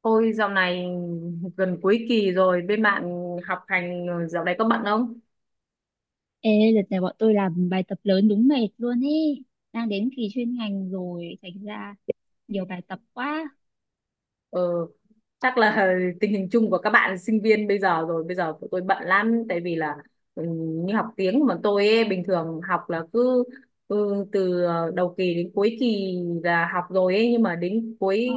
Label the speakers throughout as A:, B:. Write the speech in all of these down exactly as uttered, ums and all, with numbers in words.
A: Ôi dạo này gần cuối kỳ rồi, bên bạn học hành ờ, dạo này có bận không?
B: Ê, đợt này bọn tôi làm bài tập lớn đúng mệt luôn ý. Đang đến kỳ chuyên ngành rồi, thành ra nhiều bài tập quá.
A: Ừ, chắc là tình hình chung của các bạn sinh viên bây giờ rồi, bây giờ tụi tôi bận lắm tại vì là ừ, như học tiếng mà tôi ấy, bình thường học là cứ ừ, từ ờ, đầu kỳ đến cuối kỳ là học rồi ấy, nhưng mà đến cuối
B: Ờ.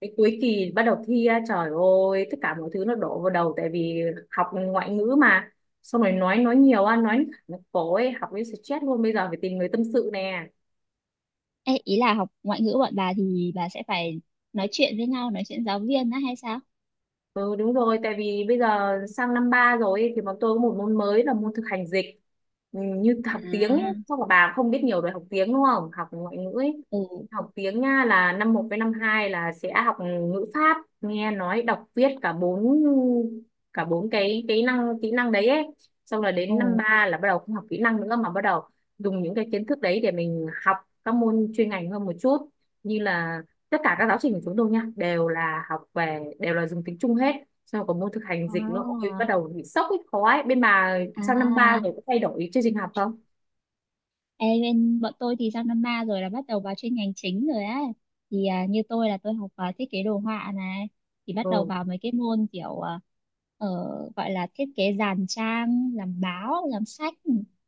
A: đến cuối kỳ bắt đầu thi á, trời ơi tất cả mọi thứ nó đổ vào đầu tại vì học ngoại ngữ mà. Xong rồi nói nói nhiều á, nói nó cổ ấy, học với stress luôn, bây giờ phải tìm người tâm sự nè.
B: Ê, ý là học ngoại ngữ bọn bà thì bà sẽ phải nói chuyện với nhau, nói chuyện giáo viên á hay sao?
A: Ừ đúng rồi, tại vì bây giờ sang năm ba rồi ấy, thì bọn tôi có một môn mới là môn thực hành dịch. Ừ, như học
B: À.
A: tiếng ấy, chắc là bà không biết nhiều về học tiếng đúng không? Học ngoại ngữ ấy.
B: Ừ.
A: Học tiếng nha là năm một với năm hai là sẽ học ngữ pháp, nghe nói, đọc, viết, cả bốn cả bốn cái cái năng kỹ năng đấy ấy. Xong là
B: Ồ.
A: đến năm ba là bắt đầu không học kỹ năng nữa mà bắt đầu dùng những cái kiến thức đấy để mình học các môn chuyên ngành hơn một chút. Như là tất cả các giáo trình của chúng tôi nha đều là học về, đều là dùng tiếng Trung hết, xong có môn thực hành dịch nữa, ôi bắt
B: À.
A: đầu bị sốc ấy, khó ấy. Bên bà sang năm ba
B: À.
A: rồi có thay đổi chương trình học không?
B: Ê, bên bọn tôi thì sang năm ba rồi là bắt đầu vào chuyên ngành chính rồi á, thì à, như tôi là tôi học à, thiết kế đồ họa này, thì bắt đầu
A: Ừ.
B: vào mấy cái môn kiểu à, ờ, gọi là thiết kế dàn trang, làm báo, làm sách,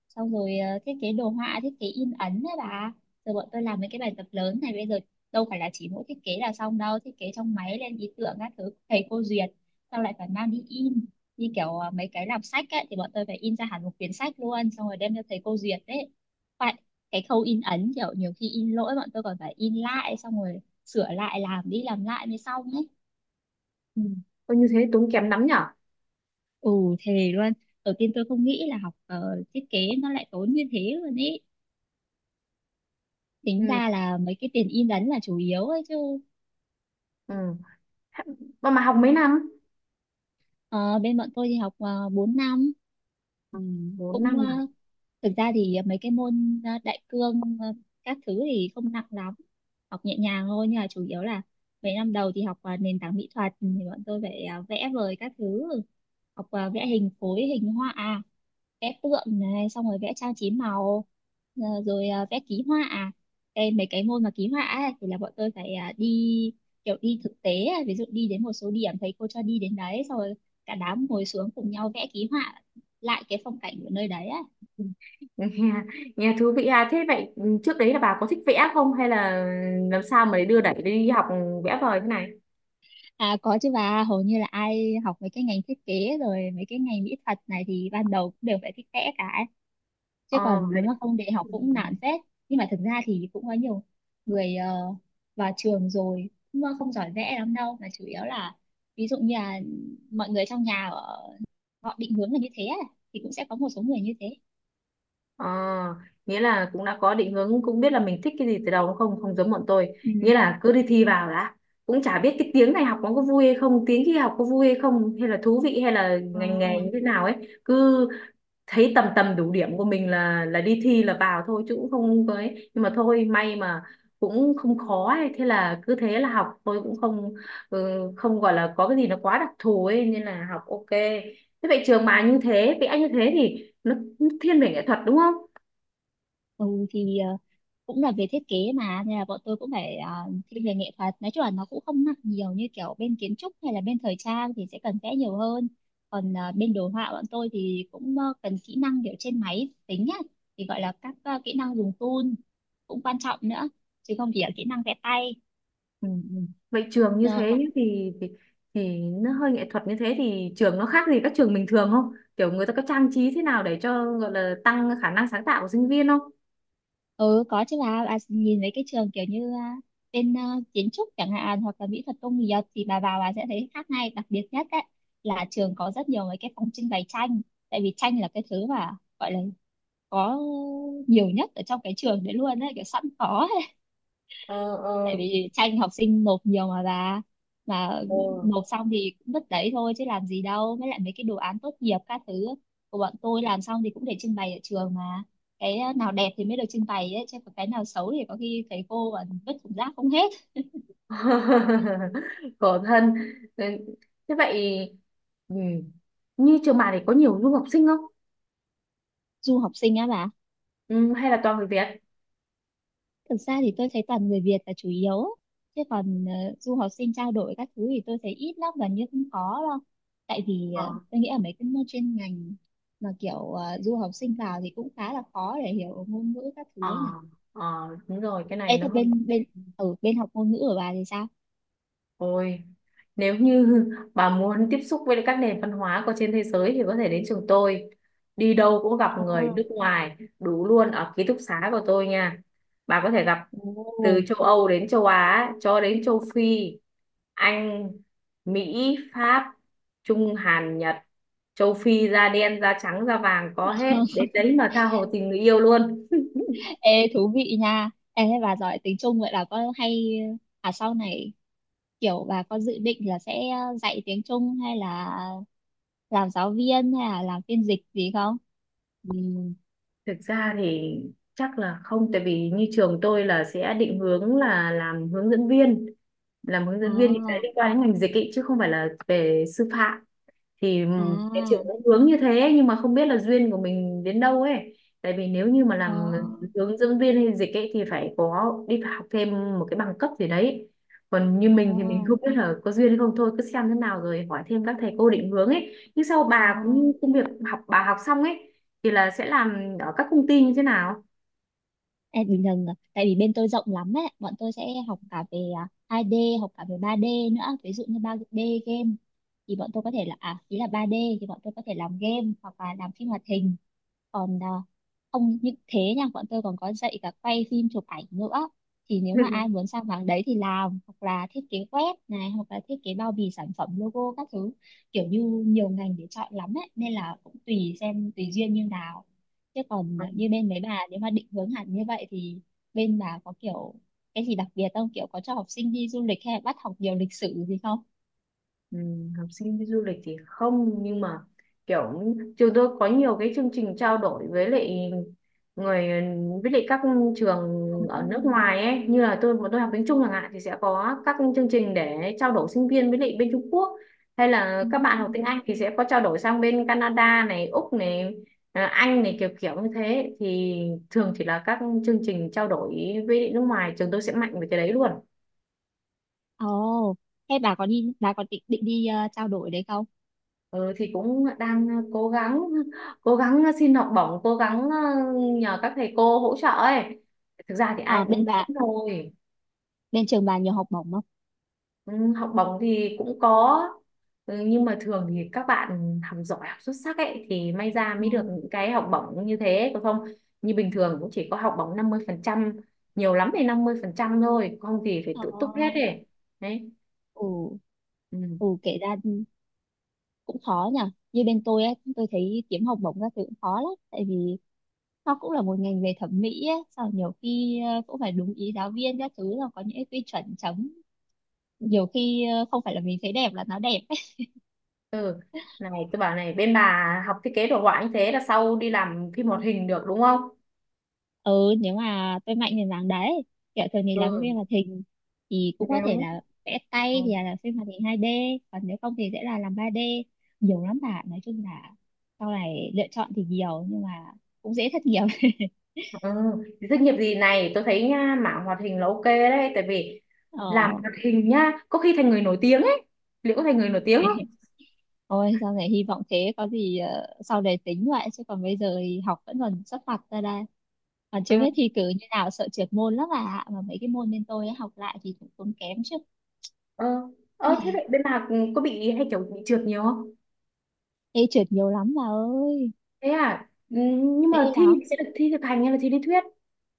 B: xong rồi ờ, thiết kế đồ họa, thiết kế in ấn đấy bà. Rồi bọn tôi làm mấy cái bài tập lớn này bây giờ đâu phải là chỉ mỗi thiết kế là xong đâu, thiết kế trong máy lên ý tưởng các thứ thầy cô duyệt xong lại phải mang đi in, như kiểu à, mấy cái làm sách ấy, thì bọn tôi phải in ra hẳn một quyển sách luôn xong rồi đem cho thầy cô duyệt đấy. Phải, cái khâu in ấn kiểu nhiều khi in lỗi bọn tôi còn phải in lại xong rồi sửa lại làm đi làm lại mới xong ấy.
A: Ừ. Ôi, như thế tốn kém lắm nhở.
B: Ừ, thề luôn. Đầu tiên tôi không nghĩ là học ờ, thiết kế nó lại tốn như thế luôn ấy,
A: Ừ.
B: tính ra là mấy cái tiền in ấn là chủ yếu ấy chứ.
A: Ừ, mà mà học mấy năm?
B: Ờ, bên bọn tôi thì học uh, bốn năm.
A: Ừ. bốn
B: Cũng ờ,
A: năm à?
B: thực ra thì mấy cái môn ờ, đại cương ờ, các thứ thì không nặng lắm, học nhẹ nhàng thôi, nhưng mà chủ yếu là mấy năm đầu thì học ờ, nền tảng mỹ thuật, thì bọn tôi phải ờ, vẽ vời các thứ, học ờ, vẽ hình khối, hình họa, vẽ tượng này xong rồi vẽ trang trí màu, ờ, rồi ờ, vẽ ký họa. Đây mấy cái môn mà ký họa ấy, thì là bọn tôi phải ờ, đi kiểu đi thực tế ấy. Ví dụ đi đến một số điểm thầy cô cho đi, đến đấy xong rồi cả đám ngồi xuống cùng nhau vẽ ký họa lại cái phong cảnh của nơi đấy á.
A: Nghe, nghe thú vị à. Thế vậy ừ, trước đấy là bà có thích vẽ không, hay là làm sao mà để đưa đẩy đi học vẽ vời thế này?
B: À có chứ bà, hầu như là ai học mấy cái ngành thiết kế rồi mấy cái ngành mỹ thuật này thì ban đầu cũng đều phải thích vẽ cả ấy. Chứ
A: Ờ
B: còn
A: vậy.
B: nếu mà không để học
A: Ừ.
B: cũng nản phết. Nhưng mà thực ra thì cũng có nhiều người ờ, vào trường rồi cũng ờ, không giỏi vẽ lắm đâu, mà chủ yếu là ví dụ như là mọi người trong nhà ở- họ định hướng là như thế á, thì cũng sẽ có một số người như thế.
A: Ờ, nghĩa là cũng đã có định hướng, cũng biết là mình thích cái gì từ đầu đúng không, không giống bọn tôi.
B: Ừ.
A: Nghĩa là cứ đi thi vào đã, cũng chả biết cái tiếng này học nó có vui hay không, tiếng kia học có vui hay không, hay là thú vị, hay là
B: Ờ.
A: ngành nghề như thế nào ấy. Cứ thấy tầm tầm đủ điểm của mình là là đi thi là vào thôi, chứ cũng không có ấy. Nhưng mà thôi, may mà cũng không khó ấy, thế là cứ thế là học, tôi cũng không ừ, không gọi là có cái gì nó quá đặc thù ấy, nên là học ok. Thế vậy trường bà như thế, vậy anh như thế thì nó thiên về nghệ thuật đúng không?
B: Ừ thì ờ, cũng là về thiết kế mà, nên là bọn tôi cũng phải ờ, thiên về nghệ thuật, nói chung là nó cũng không nặng nhiều như kiểu bên kiến trúc hay là bên thời trang thì sẽ cần vẽ nhiều hơn. Còn ờ, bên đồ họa bọn tôi thì cũng ờ, cần kỹ năng kiểu trên máy tính nhá, thì gọi là các ờ, kỹ năng dùng tool cũng quan trọng nữa, chứ không chỉ là kỹ năng vẽ tay.
A: Ừ, ừ. Vậy trường như
B: Ờ,
A: thế nhá, thì, thì thì nó hơi nghệ thuật như thế, thì trường nó khác gì các trường bình thường không? Kiểu người ta có trang trí thế nào để cho gọi là tăng khả năng sáng tạo của sinh viên không?
B: ừ có chứ bà bà nhìn mấy cái trường kiểu như à, bên à, kiến trúc chẳng hạn hoặc là mỹ thuật công nghiệp, thì bà vào bà sẽ thấy khác ngay. Đặc biệt nhất đấy là trường có rất nhiều mấy cái phòng trưng bày tranh, tại vì tranh là cái thứ mà gọi là có nhiều nhất ở trong cái trường đấy luôn đấy, kiểu sẵn có.
A: Ờ.
B: Tại
A: Ờ.
B: vì tranh học sinh nộp nhiều mà bà, mà
A: Ờ.
B: nộp xong thì cũng vứt đấy thôi chứ làm gì đâu. Với lại mấy cái đồ án tốt nghiệp các thứ của bọn tôi làm xong thì cũng để trưng bày ở trường mà, cái nào đẹp thì mới được trưng bày ấy, chứ còn cái nào xấu thì có khi thầy cô còn vứt thùng rác không hết.
A: Khổ thân. Ừ, thế vậy ừ. Như trường bạn thì có nhiều du học sinh không?
B: Du học sinh á bà?
A: Ừ, hay là toàn người Việt?
B: Thực ra thì tôi thấy toàn người Việt là chủ yếu, chứ còn ờ, du học sinh trao đổi các thứ thì tôi thấy ít lắm, gần như không có đâu. Tại vì
A: Ờ.
B: ờ, tôi nghĩ ở mấy cái môn chuyên ngành mà kiểu ờ, du học sinh vào thì cũng khá là khó để hiểu ngôn ngữ các
A: Ờ.
B: thứ ấy nhỉ.
A: Ờ, đúng rồi, cái
B: Ê
A: này nó
B: thế
A: hơn.
B: bên bên ở bên học ngôn ngữ của bà thì sao?
A: Ôi, nếu như bà muốn tiếp xúc với các nền văn hóa của trên thế giới thì có thể đến trường tôi. Đi đâu cũng gặp người
B: À,
A: nước ngoài, đủ luôn ở ký túc xá của tôi nha. Bà có thể gặp từ
B: ồ.
A: châu Âu đến châu Á, cho đến châu Phi, Anh, Mỹ, Pháp, Trung, Hàn, Nhật, châu Phi da đen, da trắng, da vàng có hết. Đến đấy mà tha hồ tình người yêu luôn.
B: Ê thú vị nha. Ê thế bà giỏi tiếng Trung vậy là có hay à sau này kiểu bà có dự định là sẽ dạy tiếng Trung hay là làm giáo viên hay là làm phiên dịch gì không?
A: Ừ. Thực ra thì chắc là không, tại vì như trường tôi là sẽ định hướng là làm hướng dẫn viên. Làm hướng dẫn viên thì sẽ
B: À.
A: liên quan đến ngành dịch ý, chứ không phải là về sư phạm. Thì ừ, cái chuyện
B: À.
A: nó hướng như thế, nhưng mà không biết là duyên của mình đến đâu ấy, tại vì nếu như mà làm
B: À.
A: hướng dẫn viên hay dịch ấy thì phải có đi học thêm một cái bằng cấp gì đấy. Còn như mình thì mình không
B: À.
A: biết là có duyên hay không, thôi cứ xem thế nào rồi hỏi thêm các thầy cô định hướng ấy. Nhưng sau bà cũng như
B: À.
A: công việc, học bà học xong ấy thì là sẽ làm ở các công ty như thế nào?
B: Ê, bình thường à, tại vì bên tôi rộng lắm ấy, bọn tôi sẽ học cả về à, hai D, học cả về ba đê nữa, ví dụ như ba D game, thì bọn tôi có thể là à, ý là ba D thì bọn tôi có thể làm game hoặc là làm phim hoạt hình. Còn à, không những thế nha, bọn tôi còn có dạy cả quay phim, chụp ảnh nữa, thì nếu mà ai muốn sang mảng đấy thì làm, hoặc là thiết kế web này, hoặc là thiết kế bao bì sản phẩm, logo các thứ, kiểu như nhiều ngành để chọn lắm ấy, nên là cũng tùy xem tùy duyên như nào. Chứ còn
A: Ừ.
B: như bên mấy bà nếu mà định hướng hẳn như vậy thì bên bà có kiểu cái gì đặc biệt không, kiểu có cho học sinh đi du lịch hay là bắt học nhiều lịch sử gì không?
A: Ừ, học sinh đi du lịch thì không, nhưng mà kiểu trường tôi có nhiều cái chương trình trao đổi với lại người, với lại các trường
B: Ừ,
A: ở nước ngoài ấy. Như là tôi bọn tôi học tiếng Trung chẳng hạn thì sẽ có các chương trình để trao đổi sinh viên với lại bên Trung Quốc, hay là
B: ừ,
A: các bạn
B: ừ.
A: học tiếng Anh thì sẽ có trao đổi sang bên Canada này, Úc này, à, Anh này, kiểu kiểu như thế. Thì thường thì là các chương trình trao đổi với nước ngoài, trường tôi sẽ mạnh về cái đấy luôn.
B: Ồ, thế bà có đi bà có định định đi ờ, trao đổi đấy không?
A: Ừ, thì cũng đang ờ, cố gắng, cố gắng ờ, xin học bổng, cố gắng ờ, nhờ các thầy cô hỗ trợ ấy. Thực ra thì ai
B: Ờ,
A: cũng
B: bên
A: muốn
B: bà
A: thôi.
B: bên trường bà nhiều học bổng không?
A: Ừ, học bổng thì cũng có. Ừ, nhưng mà thường thì các bạn học giỏi, học xuất sắc ấy thì may ra
B: Ừ.
A: mới được những cái học bổng như thế. Còn không, như bình thường cũng chỉ có học bổng năm mươi phần trăm, nhiều lắm thì năm mươi phần trăm thôi, không thì phải
B: Ờ,
A: tự túc hết ấy. Đấy.
B: ừ,
A: Ừ.
B: ừ, kể ra cũng khó nhỉ, như bên tôi ấy, tôi thấy kiếm học bổng các thứ cũng khó lắm, tại vì nó cũng là một ngành về thẩm mỹ ấy, sau nhiều khi ờ, cũng phải đúng ý giáo viên các thứ, là có những cái quy chuẩn chấm, nhiều khi ờ, không phải là mình thấy đẹp là nó đẹp ấy.
A: Ừ, này tôi bảo này, bên bà học thiết kế đồ họa như thế là sau đi làm phim hoạt hình được đúng không?
B: Ừ nếu mà tôi mạnh thì dáng đấy, kiểu thường thì làm cái phim
A: Ừ
B: hoạt hình thì cũng có thể
A: nếu.
B: là vẽ tay
A: Ừ.
B: thì là làm phim hoạt hình hai đê, còn nếu không thì sẽ là làm ba đê. Nhiều lắm bạn, nói chung là sau này lựa chọn thì nhiều, nhưng mà cũng dễ thất nghiệp.
A: Ừ. Thì doanh nghiệp gì này, tôi thấy nha, mảng hoạt hình là ok đấy, tại vì làm
B: ờ
A: hoạt hình nhá có khi thành người nổi tiếng ấy. Liệu có thành người nổi tiếng không?
B: ôi sau này hy vọng thế, có gì ờ, sau này tính vậy, chứ còn bây giờ thì học vẫn còn sắp mặt ra đây, còn chưa
A: Ừ.
B: biết thi cử như nào, sợ trượt môn lắm. À mà mấy cái môn bên tôi ấy, học lại thì cũng tốn kém chứ.
A: Ờ. Ờ, thế vậy bên bà có bị, hay kiểu bị trượt nhiều không?
B: Ê trượt nhiều lắm bà ơi,
A: Thế à. Ừ, nhưng
B: dễ
A: mà thi
B: lắm.
A: thì sẽ được thi thực hành hay là thi lý thuyết?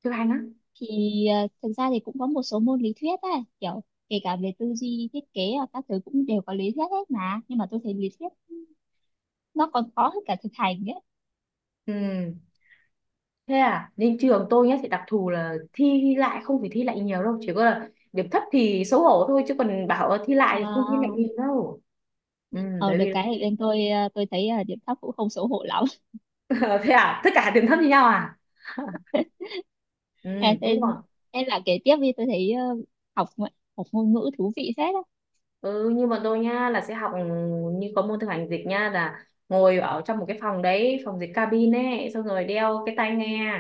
A: Thực hành á?
B: Thì ờ, thực ra thì cũng có một số môn lý thuyết ấy, kiểu kể cả về tư duy, thiết kế và các thứ cũng đều có lý thuyết hết mà. Nhưng mà tôi thấy lý thuyết nó còn khó hơn cả thực hành ấy.
A: Ừ, thế à. Nên trường tôi nhá sẽ đặc thù là thi lại, không phải thi lại nhiều đâu, chỉ có là điểm thấp thì xấu hổ thôi, chứ còn bảo thi lại thì không thi lại
B: À,
A: nhiều đâu. Ừ,
B: ờ,
A: bởi
B: được
A: vì
B: cái thì bên tôi ờ, tôi thấy ờ, điểm thấp cũng không xấu hổ lắm.
A: ờ, thế à, tất cả điểm thấp như nhau à?
B: À,
A: Ừ đúng
B: thế,
A: rồi.
B: thế là kể tiếp đi, tôi thấy ờ, học ngoại- học ngôn ngữ thú vị phết á.
A: Ừ như bọn tôi nha là sẽ học ừ, như có môn thực hành dịch nha là ngồi ở trong một cái phòng đấy, phòng dịch cabin ấy, xong rồi đeo cái tai nghe,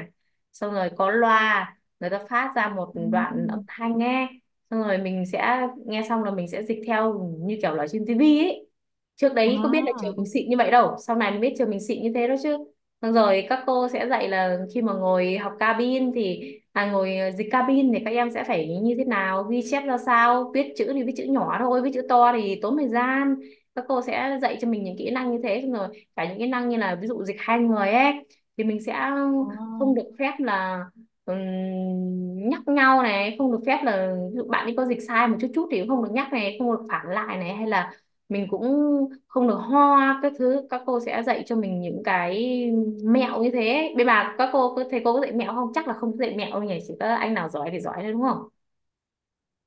A: xong rồi có loa, người ta phát ra một
B: Ừ.
A: đoạn âm thanh nghe, xong rồi mình sẽ nghe, xong là mình sẽ dịch theo như kiểu là trên tivi ấy. Trước đấy có biết là trường
B: Đó,
A: mình xịn như vậy đâu, sau này mới biết trường mình xịn như thế đó chứ. Xong rồi các cô sẽ dạy là khi mà ngồi học cabin thì à, ngồi ờ, dịch cabin thì các em sẽ phải như thế nào, ghi chép ra sao, viết chữ thì viết chữ nhỏ thôi, viết chữ to thì tốn thời gian. Các cô sẽ dạy cho mình những kỹ năng như thế, xong rồi cả những kỹ năng như là ví dụ dịch hai người ấy, thì mình sẽ
B: đó.
A: không được phép là ừm, nhắc nhau này, không được phép là ví dụ bạn ấy có dịch sai một chút chút thì cũng không được nhắc này, không được phản lại này, hay là mình cũng không được ho các thứ. Các cô sẽ dạy cho mình những cái mẹo như thế. Bên bà các cô có- thầy cô có dạy mẹo không? Chắc là không dạy mẹo đâu nhỉ, chỉ có anh nào giỏi thì giỏi thôi đúng không?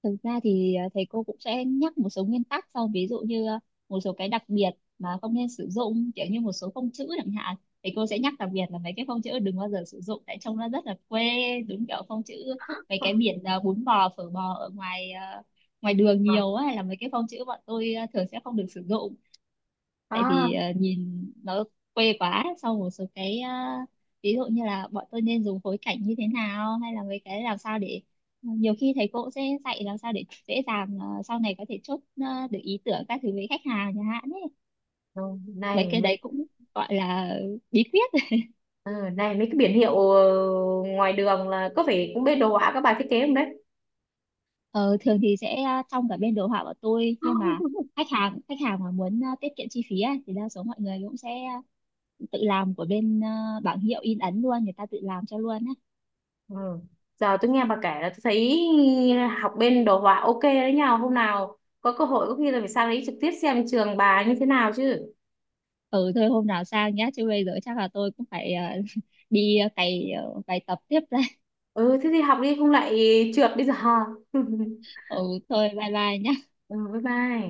B: Thực ra thì à, thầy cô cũng sẽ nhắc một số nguyên tắc, sau ví dụ như à, một số cái đặc biệt mà không nên sử dụng, kiểu như một số phông chữ chẳng hạn. Thầy cô sẽ nhắc đặc biệt là mấy cái phông chữ đừng bao giờ sử dụng tại trông nó rất là quê, đúng kiểu phông chữ mấy cái biển à, bún bò phở bò ở ngoài à, ngoài đường
A: Ờ.
B: nhiều ấy, là mấy cái phông chữ bọn tôi à, thường sẽ không được sử dụng, tại
A: À.
B: vì ờ, nhìn nó quê quá. Sau một số cái ờ, ví dụ như là bọn tôi nên dùng phối cảnh như thế nào, hay là mấy cái làm sao để ờ, nhiều khi thầy cô sẽ dạy làm sao để dễ dàng ờ, sau này có thể chốt ờ, được ý tưởng các thứ với khách hàng chẳng hạn ấy,
A: Ừ,
B: mấy
A: này
B: cái
A: mấy.
B: đấy cũng gọi là bí quyết.
A: Ừ, này mấy cái biển hiệu ờ, ngoài đường là có phải cũng bên đồ họa các bà thiết kế không đấy?
B: ờ, thường thì sẽ ờ, trong cả bên đồ họa của tôi, nhưng mà khách hàng khách hàng mà muốn ờ, tiết kiệm chi phí á, thì đa số mọi người cũng sẽ tự làm của bên ờ, bảng hiệu in ấn luôn, người ta tự làm cho luôn á.
A: Ừ. Giờ tôi nghe bà kể là tôi thấy học bên đồ họa ok đấy nhờ. Hôm nào có cơ hội có khi là phải sang đấy trực tiếp xem trường bà như thế nào chứ.
B: Ừ thôi hôm nào sang nhá, chứ bây giờ chắc là tôi cũng phải ờ, đi ờ, cày ờ, bài tập tiếp đây.
A: Ừ, thế thì học đi không lại trượt bây giờ.
B: Ừ thôi bye bye nhá.
A: Ừ, bye bye.